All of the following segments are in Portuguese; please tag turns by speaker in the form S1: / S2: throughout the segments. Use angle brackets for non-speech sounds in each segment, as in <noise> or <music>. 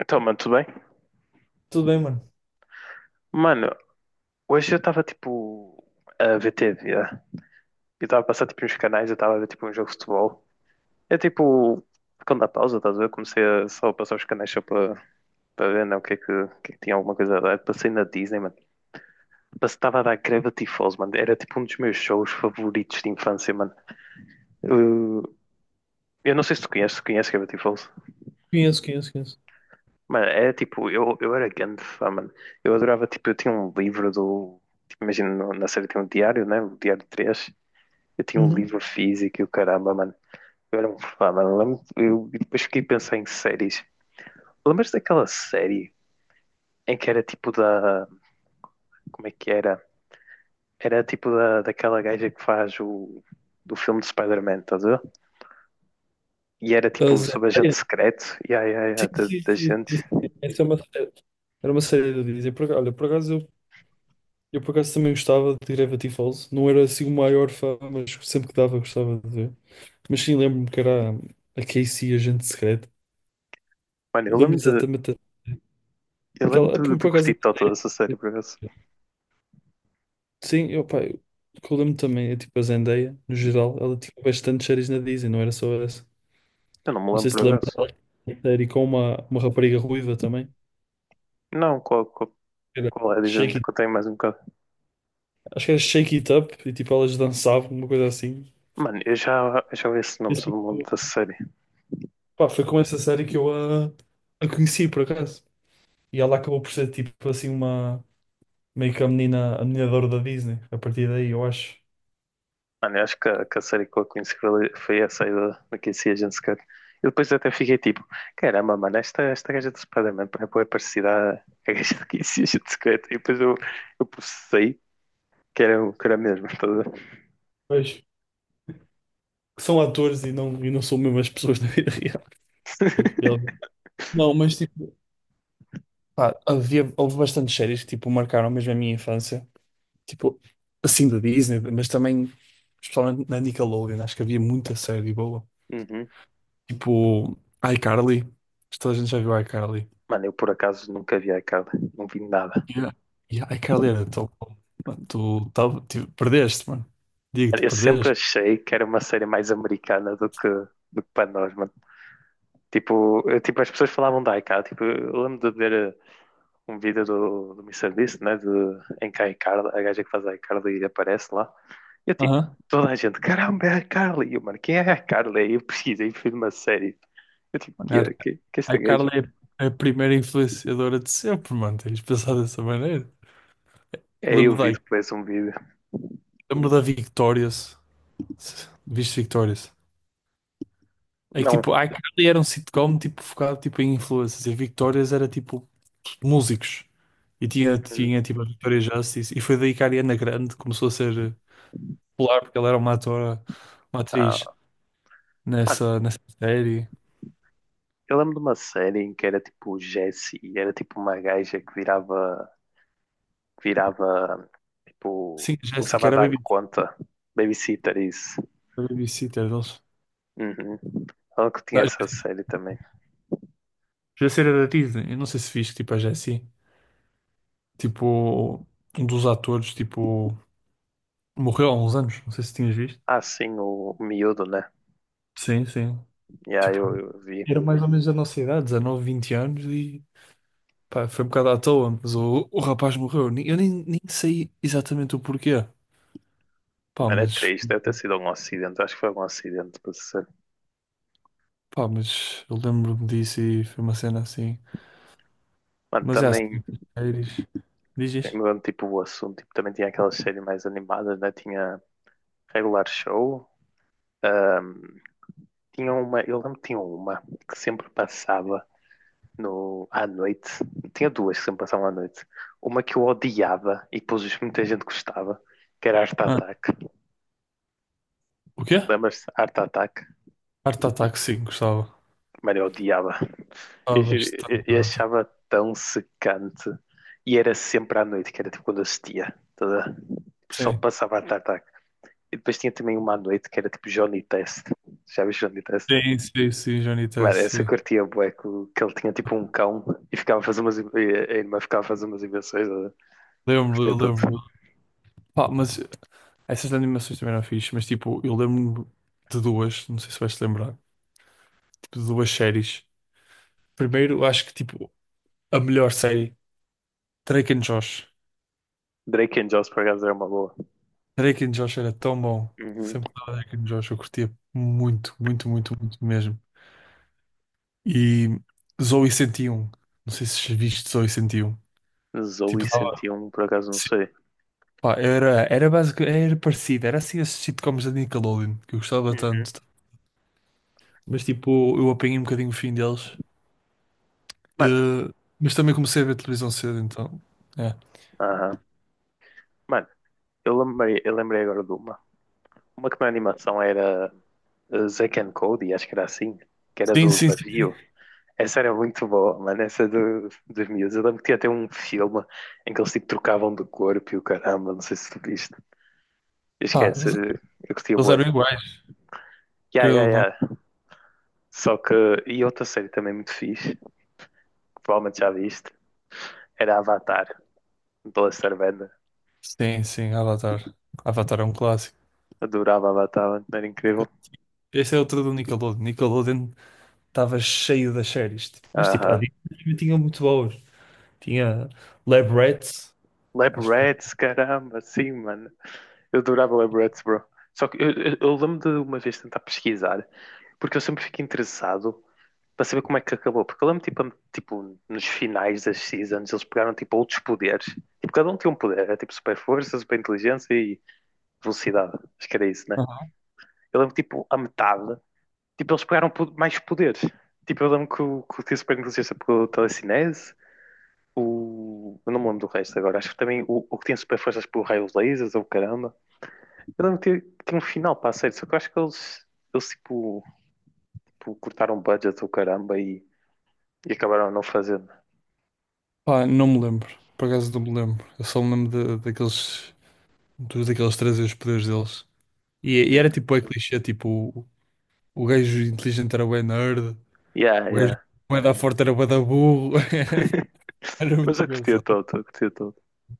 S1: Então, mano, tudo bem?
S2: Tudo bem, mano?
S1: Mano, hoje eu estava tipo a ver TV. Eu estava a passar tipo uns canais, eu estava a ver tipo um jogo de futebol. É tipo, quando dá pausa, estás a ver? Comecei a só a passar os canais só para ver, né, o que é que tinha alguma coisa a dar. Passei na Disney, mano. Passei, estava a dar Gravity Falls, mano. Era tipo um dos meus shows favoritos de infância, mano. Eu, eu não sei se tu conheces, tu conheces Gravity Falls?
S2: Conheço, conheço, conheço.
S1: Mano, é tipo, eu era grande fã, mano. Eu adorava, tipo, eu tinha um livro do. Tipo, imagina, na série tem um diário, né? O Diário 3. Eu tinha um
S2: Uhum.
S1: livro físico e o caramba, mano. Eu era um fã, mano. Eu e depois fiquei a pensar em séries. Lembras daquela série em que era tipo da. Como é que era? Era tipo daquela gaja que faz o. Do filme de Spider-Man, estás a ver? E era
S2: A
S1: tipo sobre
S2: Zendaya?
S1: agente secreto. E ai, ai,
S2: Sim,
S1: ai, da,
S2: sim,
S1: da
S2: sim, sim,
S1: gente.
S2: sim. Essa é uma série. Era uma série de dizer. Olha, por acaso eu por acaso também gostava de Gravity Falls. Não era assim o maior fã, mas sempre que dava gostava de ver. Mas sim, lembro-me que era a Casey, a gente secreta.
S1: Mano,
S2: Eu
S1: eu
S2: lembro
S1: lembro de.
S2: exatamente
S1: Eu lembro
S2: aquela.
S1: de,
S2: Por
S1: de
S2: por
S1: curtir
S2: acaso.
S1: toda dessa série, por acaso.
S2: Sim, pá, eu, o que eu lembro também é tipo a Zendaya, no geral, ela tinha bastante séries na Disney, não era só essa.
S1: Eu não me
S2: Não
S1: lembro,
S2: sei se
S1: por
S2: te lembra
S1: acaso.
S2: dela, uma série com uma rapariga ruiva também.
S1: Não, qual, qual,
S2: Era
S1: qual é?
S2: Shake
S1: Dizendo
S2: It-
S1: que eu tenho mais um bocado.
S2: Acho que era Shake It Up e tipo elas dançavam, uma coisa assim.
S1: Mano, eu já ouvi esse
S2: E,
S1: nome, só
S2: assim,
S1: não me lembro da série.
S2: pá, foi com essa série que eu a conheci por acaso. E ela acabou por ser tipo assim uma, meio que a menina, de ouro da Disney a partir daí, eu acho.
S1: Mano, eu acho que a série que eu conheci foi essa aí da Casey Agents Cut. E depois até fiquei tipo, caramba, mano, esta gaja do Spider-Man é bué parecida à gaja da Casey Agents Cut. E depois eu processei que era, que era mesmo, estás a ver?
S2: Pois, que são atores e não são mesmo as pessoas da vida real. Eles-
S1: <laughs>
S2: Não, mas tipo, pá, houve bastantes séries que tipo marcaram mesmo a minha infância. Tipo, assim da Disney, mas também, especialmente na Nickelodeon, acho que havia muita série boa.
S1: Uhum.
S2: Tipo, iCarly. Acho que toda a gente já viu iCarly.
S1: Mano, eu por acaso nunca vi aquela, não vi nada.
S2: Yeah. E iCarly era tão bom. Mano, tipo, perdeste, mano. Digo-te,
S1: Eu sempre
S2: perdeste.
S1: achei que era uma série mais americana do que para nós, mano. Tipo, tipo, as pessoas falavam da iCal, tipo, eu lembro de ver um vídeo do Mr. Beast, né? De, em que a Icarly, a gaja que faz a Icarly aparece lá. E eu tipo,
S2: Aham.
S1: toda a gente, caramba, é a Icarly. E eu, mano, quem é a Icarly? Aí eu pesquisei e fiz uma série. Eu tipo, que
S2: Mano,
S1: é, que, que é
S2: a
S1: esta gaja?
S2: iCarly é a primeira influenciadora de sempre, mano. Tens de pensar dessa maneira.
S1: É eu
S2: Lembro
S1: vi
S2: da,
S1: depois um vídeo.
S2: lembro da Victorious. Viste Victorious? É que
S1: Não,
S2: tipo, a iCarly era um sitcom tipo, focado tipo, em influencers. E a Victorious era tipo músicos. E
S1: hum,
S2: tinha tipo a Victoria Justice. E foi daí que a Ariana Grande começou a ser popular porque ela era uma atriz
S1: ah, mano,
S2: nessa série.
S1: eu lembro de uma série em que era tipo Jessie e era tipo uma gaja que virava que virava, tipo,
S2: Sim, a Jessica
S1: começava a
S2: era
S1: dar conta. Babysitter, isso.
S2: a babysitter deles.
S1: Uhum. Falando que tinha
S2: Não, a
S1: essa série também.
S2: Jessica era da Disney. Eu não sei se viste, tipo, a Jessie. Tipo, um dos atores, tipo, morreu há uns anos. Não sei se tinhas visto.
S1: Ah, sim, o Miúdo, né?
S2: Sim, sim.
S1: E aí
S2: Tipo,
S1: eu vi.
S2: era mais ou menos a nossa idade, 19, 20 anos e... Pá, foi um bocado à toa, mas o rapaz morreu. Nem- Eu nem, nem sei exatamente o porquê. Pá,
S1: Mano, é
S2: mas,
S1: triste, deve ter sido algum acidente. Acho que foi algum acidente, pra ser.
S2: pá, mas eu lembro-me disso e foi uma cena assim.
S1: Mano,
S2: Mas é
S1: também,
S2: assim, séries. Diz, diz.
S1: mudando tipo o assunto, tipo, também tinha aquelas séries mais animadas, né? Tinha Regular Show. ahm, Tinha uma, eu lembro que tinha uma que sempre passava no, à noite. Tinha duas que sempre passavam à noite. Uma que eu odiava e depois muita gente gostava, que era Art
S2: Ah,
S1: Attack.
S2: o quê?
S1: Lembras-te? Art Attack?
S2: Art Attack, sim, gostava.
S1: Mano, eu odiava. Eu,
S2: Gostava
S1: juro,
S2: bastante de
S1: eu
S2: Art Attack.
S1: achava tão secante. E era sempre à noite, que era tipo quando assistia. Toda... Só
S2: Sim,
S1: passava Art Attack. E depois tinha também uma à noite que era tipo Johnny Test. Já viste Johnny Test?
S2: sim, sim, sim, Johnny
S1: Mano,
S2: Test,
S1: essa eu
S2: sim.
S1: curtia bué, que ele tinha tipo um cão e ficava a fazer umas... e a irmã ficava a fazer umas invenções.
S2: Eu
S1: Todo
S2: lembro-me. Pá, mas essas animações também eram fixe, mas tipo, eu lembro-me de duas, não sei se vais te lembrar, tipo, de duas séries. Primeiro, acho que tipo, a melhor série, Drake and Josh.
S1: Drake and Josh, por acaso, era uma boa.
S2: Drake and Josh era tão bom.
S1: Uhum.
S2: Sempre que dava Drake and Josh, eu curtia muito, muito, muito, muito mesmo. E Zoey 101, não sei se viste Zoey 101.
S1: Zoe
S2: Tipo, dava.
S1: um por acaso, não sei.
S2: Pá, era básico, era parecido, era assim esses sitcoms da Nickelodeon, que eu gostava
S1: Uhum.
S2: tanto. Mas tipo, eu apanhei um bocadinho o fim deles.
S1: Mano,
S2: Eh, mas também comecei a ver televisão cedo, então. É.
S1: aham. Mano, eu lembrei agora de uma. Uma que na animação era Zack and Cody, acho que era assim, que era
S2: Sim,
S1: do
S2: sim, sim.
S1: navio. Essa era muito boa, mano, essa do, dos miúdos. Eu lembro que tinha até um filme em que eles tipo trocavam de corpo e o caramba, não sei se tu viste.
S2: Pá,
S1: Esquece, eu curtia
S2: eles eram
S1: bué.
S2: iguais,
S1: Ya,
S2: querendo
S1: ya,
S2: ou não.
S1: ya. Só que, e outra série também muito fixe, que provavelmente já viste, era Avatar, do Lester Bender.
S2: Sim, sim, Avatar. Avatar é um clássico.
S1: Adorava Avatar, mano, era incrível.
S2: Este é outro do Nickelodeon. Nickelodeon estava cheio das séries, tipo. Mas tipo, há
S1: Aham.
S2: dias que tinha muito boas. Tinha Lab Rats,
S1: Lab
S2: acho que.
S1: Rats, caramba, sim, mano. Eu adorava Lab Rats, bro. Só que eu lembro de uma vez tentar pesquisar, porque eu sempre fico interessado para saber como é que acabou. Porque eu lembro, tipo nos finais das seasons, eles pegaram, tipo, outros poderes. Tipo, cada um tinha um poder. Era, tipo, super força, super inteligência e velocidade. Acho que era isso, né?
S2: Aham.
S1: Eu lembro, tipo, a metade tipo, eles pegaram mais poder. Tipo, eu lembro que o Tio Super Negligência pegou telecinese, o... eu não me lembro do resto agora, acho que também o que tinha super forças pegou raios lasers ou caramba. Eu lembro que que tinha um final para a série, só que eu acho que eles tipo, cortaram o budget ou caramba e acabaram não fazendo.
S2: Pá, não me lembro. Por acaso não me lembro. Eu só me lembro daqueles. Todos aqueles trazer os poderes deles. E era
S1: Uhum.
S2: tipo, é clichê, tipo, o, o gajo inteligente era bué nerd,
S1: Yeah,
S2: o
S1: yeah.
S2: gajo bué da forte era bué da burro. <laughs>
S1: <laughs>
S2: Era
S1: Mas
S2: muito
S1: eu curti
S2: engraçado.
S1: todo, eu curti todo.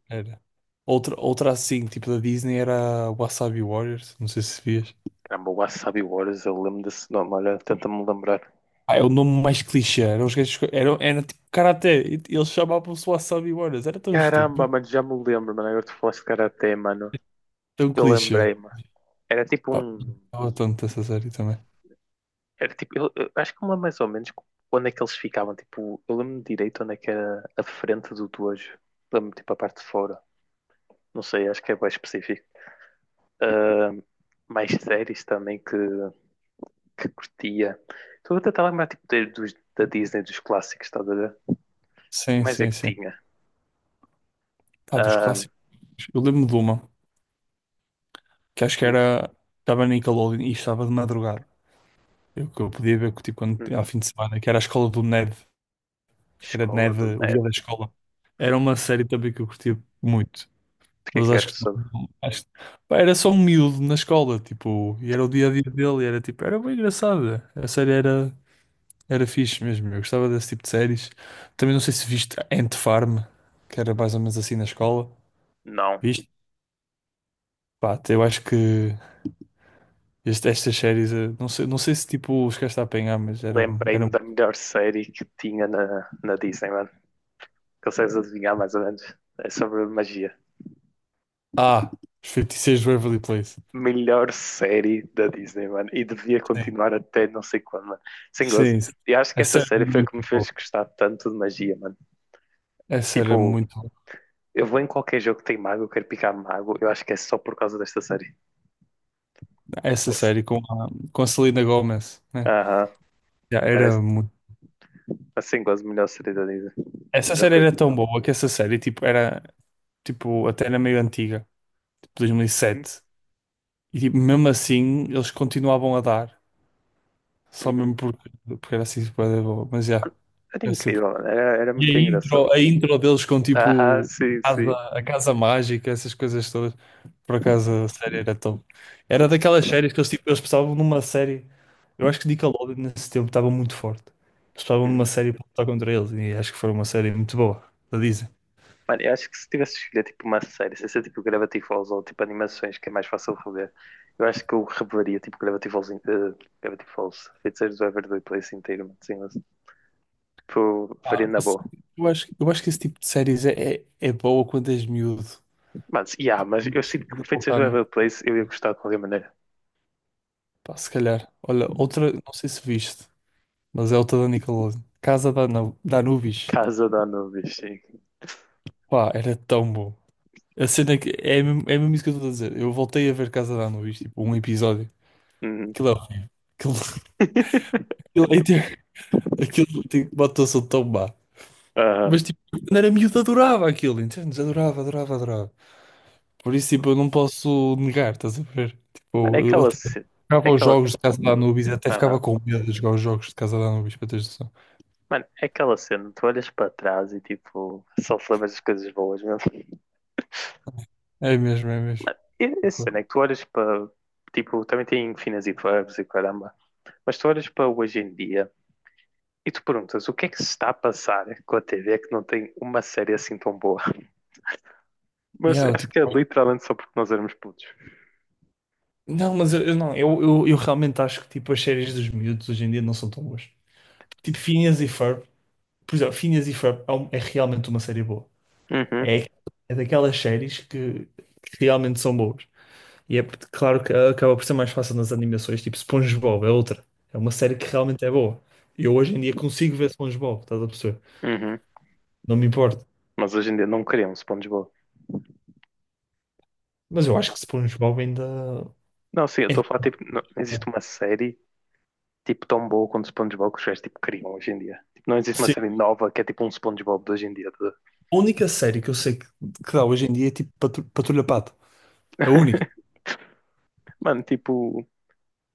S2: Era. Outra assim, tipo da Disney, era Wasabi Warriors, não sei se vias.
S1: Caramba, o Wasabi Wars, eu lembro desse nome, olha, tenta-me lembrar.
S2: Ah, é o nome mais clichê, eram os gajos, eram, era tipo karaté, e eles chamavam-se Wasabi Warriors, era tão
S1: Caramba,
S2: estúpido,
S1: mano, já me lembro, mano, agora tu falaste de Karate, mano.
S2: tão
S1: Eu
S2: clichê.
S1: lembrei-me. Era tipo
S2: Pá,
S1: um.
S2: gostava tanto dessa série também.
S1: Era tipo, eu acho que me lembro mais ou menos onde é que eles ficavam. Tipo, eu lembro-me direito onde é que era a frente do dojo. Lembro-me tipo a parte de fora. Não sei, acho que é bem específico. Ah, mais séries também que curtia. Estou a tentar lembrar tipo, da Disney, dos clássicos, estás a ver? O
S2: Sim,
S1: mais é
S2: sim,
S1: que
S2: sim.
S1: tinha?
S2: Pá, dos
S1: Ah,
S2: clássicos, eu lembro de uma, que acho que
S1: hum,
S2: era, estava na Nickelodeon e estava de madrugada. Eu, que eu podia ver que, tipo, quando, ao
S1: hum.
S2: fim de semana, que era a escola do Ned, acho que era
S1: Escola
S2: Ned,
S1: do
S2: o guia
S1: Ned.
S2: da escola. Era uma série também que eu curtia muito,
S1: O que é
S2: mas
S1: que era sobre?
S2: acho, pá, era só um miúdo na escola, tipo, e era o dia a dia dele, e era tipo, era bem engraçada. A série era fixe mesmo, eu gostava desse tipo de séries. Também não sei se viste Ant Farm, que era mais ou menos assim na escola.
S1: Não.
S2: Viste? Pá, eu acho que. Estas séries, não sei, se tipo os gajos a apanhar, mas eram,
S1: Lembrei-me
S2: eram.
S1: da melhor série que tinha na Disney, mano. Consegues adivinhar mais ou menos? É sobre magia.
S2: Ah, os 56 de Waverly Place.
S1: Melhor série da Disney, mano. E devia continuar até não sei quando, mano. Sem gozo.
S2: Sim, sim, sim.
S1: E acho que
S2: Essa
S1: essa
S2: era
S1: série foi o que me
S2: muito boa.
S1: fez gostar tanto de magia, mano.
S2: Essa era
S1: Tipo,
S2: muito boa.
S1: eu vou em qualquer jogo que tem mago, eu quero picar mago. Eu acho que é só por causa desta série.
S2: Essa
S1: Esse-
S2: série com com a Selena Gomez, né?
S1: Aham.
S2: Já
S1: Merece.
S2: era muito.
S1: Assim, gosto melhor série da Disney.
S2: Essa
S1: Melhor
S2: série
S1: coisa.
S2: era tão boa que essa série tipo, até era meio antiga, tipo
S1: Uhum,
S2: 2007. E sete. E tipo, mesmo assim eles continuavam a dar, só mesmo
S1: uhum.
S2: porque era assim, super boa. Mas já,
S1: Mano, era
S2: yeah,
S1: incrível, mano. Era
S2: e
S1: muito
S2: a
S1: engraçado.
S2: a intro deles com
S1: Aham,
S2: tipo
S1: sim,
S2: casa,
S1: sim.
S2: a casa mágica, essas coisas todas. Por acaso a série era top. Era
S1: Mas-
S2: daquelas séries que eles, tipo, eles pensavam numa série. Eu acho que Nickelodeon nesse tempo estava muito forte. Eles pensavam numa
S1: uhum.
S2: série para lutar contra eles e acho que foi uma série muito boa, da Disney.
S1: Mano, eu acho que se tivesse escolhido tipo uma série, sem ser tipo Gravity Falls ou tipo animações, que é mais fácil de rever, eu acho que eu reveria tipo Gravity Falls, Gravity Falls, Feiticeiros do Waverly Place inteiro, mano, sim, mas, tipo, veria
S2: Pá,
S1: na
S2: assim,
S1: boa.
S2: eu acho que esse tipo de séries é, é boa quando és miúdo.
S1: Mas, yeah, mas eu
S2: Mas
S1: sinto que
S2: de
S1: Feiticeiros
S2: voltar
S1: do Waverly Place eu ia gostar de qualquer maneira.
S2: pá, se calhar. Olha, outra, não sei se viste, mas é outra da Nickelodeon. Casa da Anubis.
S1: Casa da Anubis, sim.
S2: Pá, era tão bom. A cena é que é mesmo isso que eu estou a dizer. Eu voltei a ver Casa de Anubis, tipo, um episódio.
S1: Uhum.
S2: Aquilo é horrível. Aquilo,
S1: <laughs>
S2: <laughs> aquilo, aquilo tem uma atuação tão má.
S1: Aham.
S2: Mas tipo, quando era miúdo adorava aquilo, entendes? Adorava, adorava, adorava. Por isso, tipo, eu não posso negar, estás a ver?
S1: Mano, é
S2: Tipo, eu
S1: aquela
S2: até
S1: cena, é
S2: jogava os
S1: aquela,
S2: jogos
S1: cena,
S2: de Casa de Anubis, até ficava
S1: aham.
S2: com medo de jogar os jogos de Casa de Anubis, para teres noção.
S1: Mano, é aquela cena, tu olhas para trás e tipo, só te lembras das coisas boas, mesmo.
S2: É mesmo, é mesmo.
S1: Essa cena é que tu olhas para. Tipo, também tem finas e verbos e caramba. Mas tu olhas para hoje em dia e tu perguntas o que é que se está a passar com a TV que não tem uma série assim tão boa. <laughs>
S2: Yeah,
S1: Mas
S2: eu,
S1: acho
S2: tipo,
S1: que é literalmente só porque nós éramos putos.
S2: não, mas eu não, eu realmente acho que tipo, as séries dos miúdos hoje em dia não são tão boas. Tipo, Phineas e Ferb. Por exemplo, Phineas e Ferb é realmente uma série boa.
S1: Uhum,
S2: É, é daquelas séries que realmente são boas. E claro que acaba por ser mais fácil nas animações, tipo SpongeBob é outra. É uma série que realmente é boa. Eu hoje em dia consigo ver SpongeBob, estás a perceber?
S1: uhum.
S2: Não me importa.
S1: Mas hoje em dia não queremos SpongeBob.
S2: Mas eu acho que SpongeBob
S1: Não, sim, eu estou
S2: ainda
S1: a falar, tipo, não
S2: é
S1: existe
S2: bom.
S1: uma série tipo tão boa quanto SpongeBob que os gajos tipo criam hoje em dia. Tipo, não existe uma
S2: Sim.
S1: série nova que é tipo um SpongeBob de hoje em dia. Tá.
S2: A única série que eu sei que dá hoje em dia é tipo Patrulha Pato. É a única.
S1: <laughs> Mano, tipo,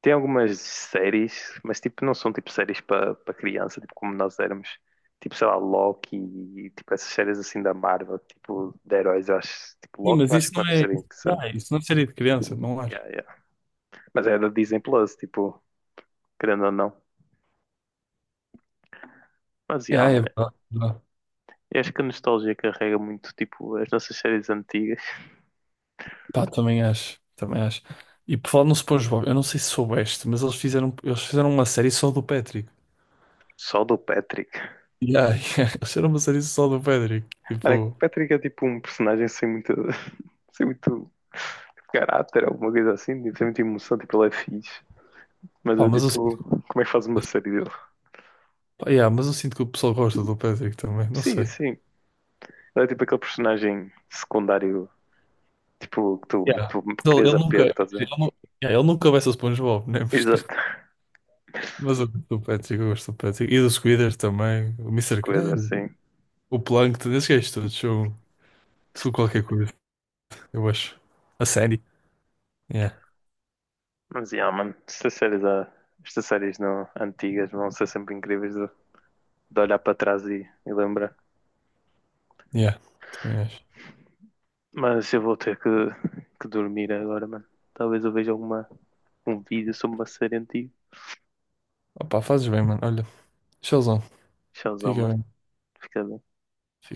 S1: tem algumas séries, mas tipo, não são tipo séries para criança, tipo como nós éramos. Tipo, sei lá, Loki e tipo essas séries assim da Marvel, tipo de heróis, eu acho. Tipo,
S2: Sim,
S1: Loki
S2: mas
S1: eu acho
S2: isso
S1: que é uma
S2: não
S1: das
S2: é.
S1: séries insana.
S2: Ah, isso não é série de criança, não acho.
S1: Yeah, yeah. Mas é da Disney Plus, tipo, querendo ou não. Mas
S2: É,
S1: yeah,
S2: ah, é
S1: mano.
S2: verdade.
S1: Eu acho que a nostalgia carrega muito, tipo, as nossas séries antigas.
S2: Pá, também acho, também acho. E por falar no SpongeBob, eu não sei se soubeste, mas eles fizeram uma série só do Patrick.
S1: Só do Patrick.
S2: Yeah, yeah, <laughs> eles fizeram uma série só do Patrick.
S1: Mano, é que o
S2: Tipo,
S1: Patrick é tipo um personagem sem muito. <laughs> Sem muito. Tipo, caráter, alguma coisa assim, tipo, sem muita emoção, tipo, ele é fixe. Mas
S2: pá,
S1: eu, tipo, como é que faz uma série dele?
S2: yeah, mas eu sinto que o pessoal gosta do Patrick também, não
S1: Sim,
S2: sei.
S1: sim. Ele é tipo aquele personagem secundário, tipo, que tu,
S2: Yeah.
S1: tu querias
S2: Ele nunca,
S1: apego, estás a ver?
S2: nu- yeah, ele nunca vai ser SpongeBob, né?
S1: Exato.
S2: <laughs> Mas eu gosto do Patrick, eu gosto do Patrick. E do Squidward também, o
S1: Se
S2: Mister
S1: coisa
S2: Krabs,
S1: assim.
S2: o Plankton, esses gajos todos são qualquer coisa, eu acho. A série. Yeah,
S1: Mas, yeah, mano, estas séries não, antigas vão ser sempre incríveis de olhar para trás e lembrar.
S2: yeah, também acho.
S1: Mas eu vou ter que dormir agora, mano. Talvez eu veja um vídeo sobre uma série antiga.
S2: Opá, fazes bem, mano. Olha. Showzão.
S1: Tchauzão,
S2: Fica
S1: mano.
S2: bem.
S1: Fica bem.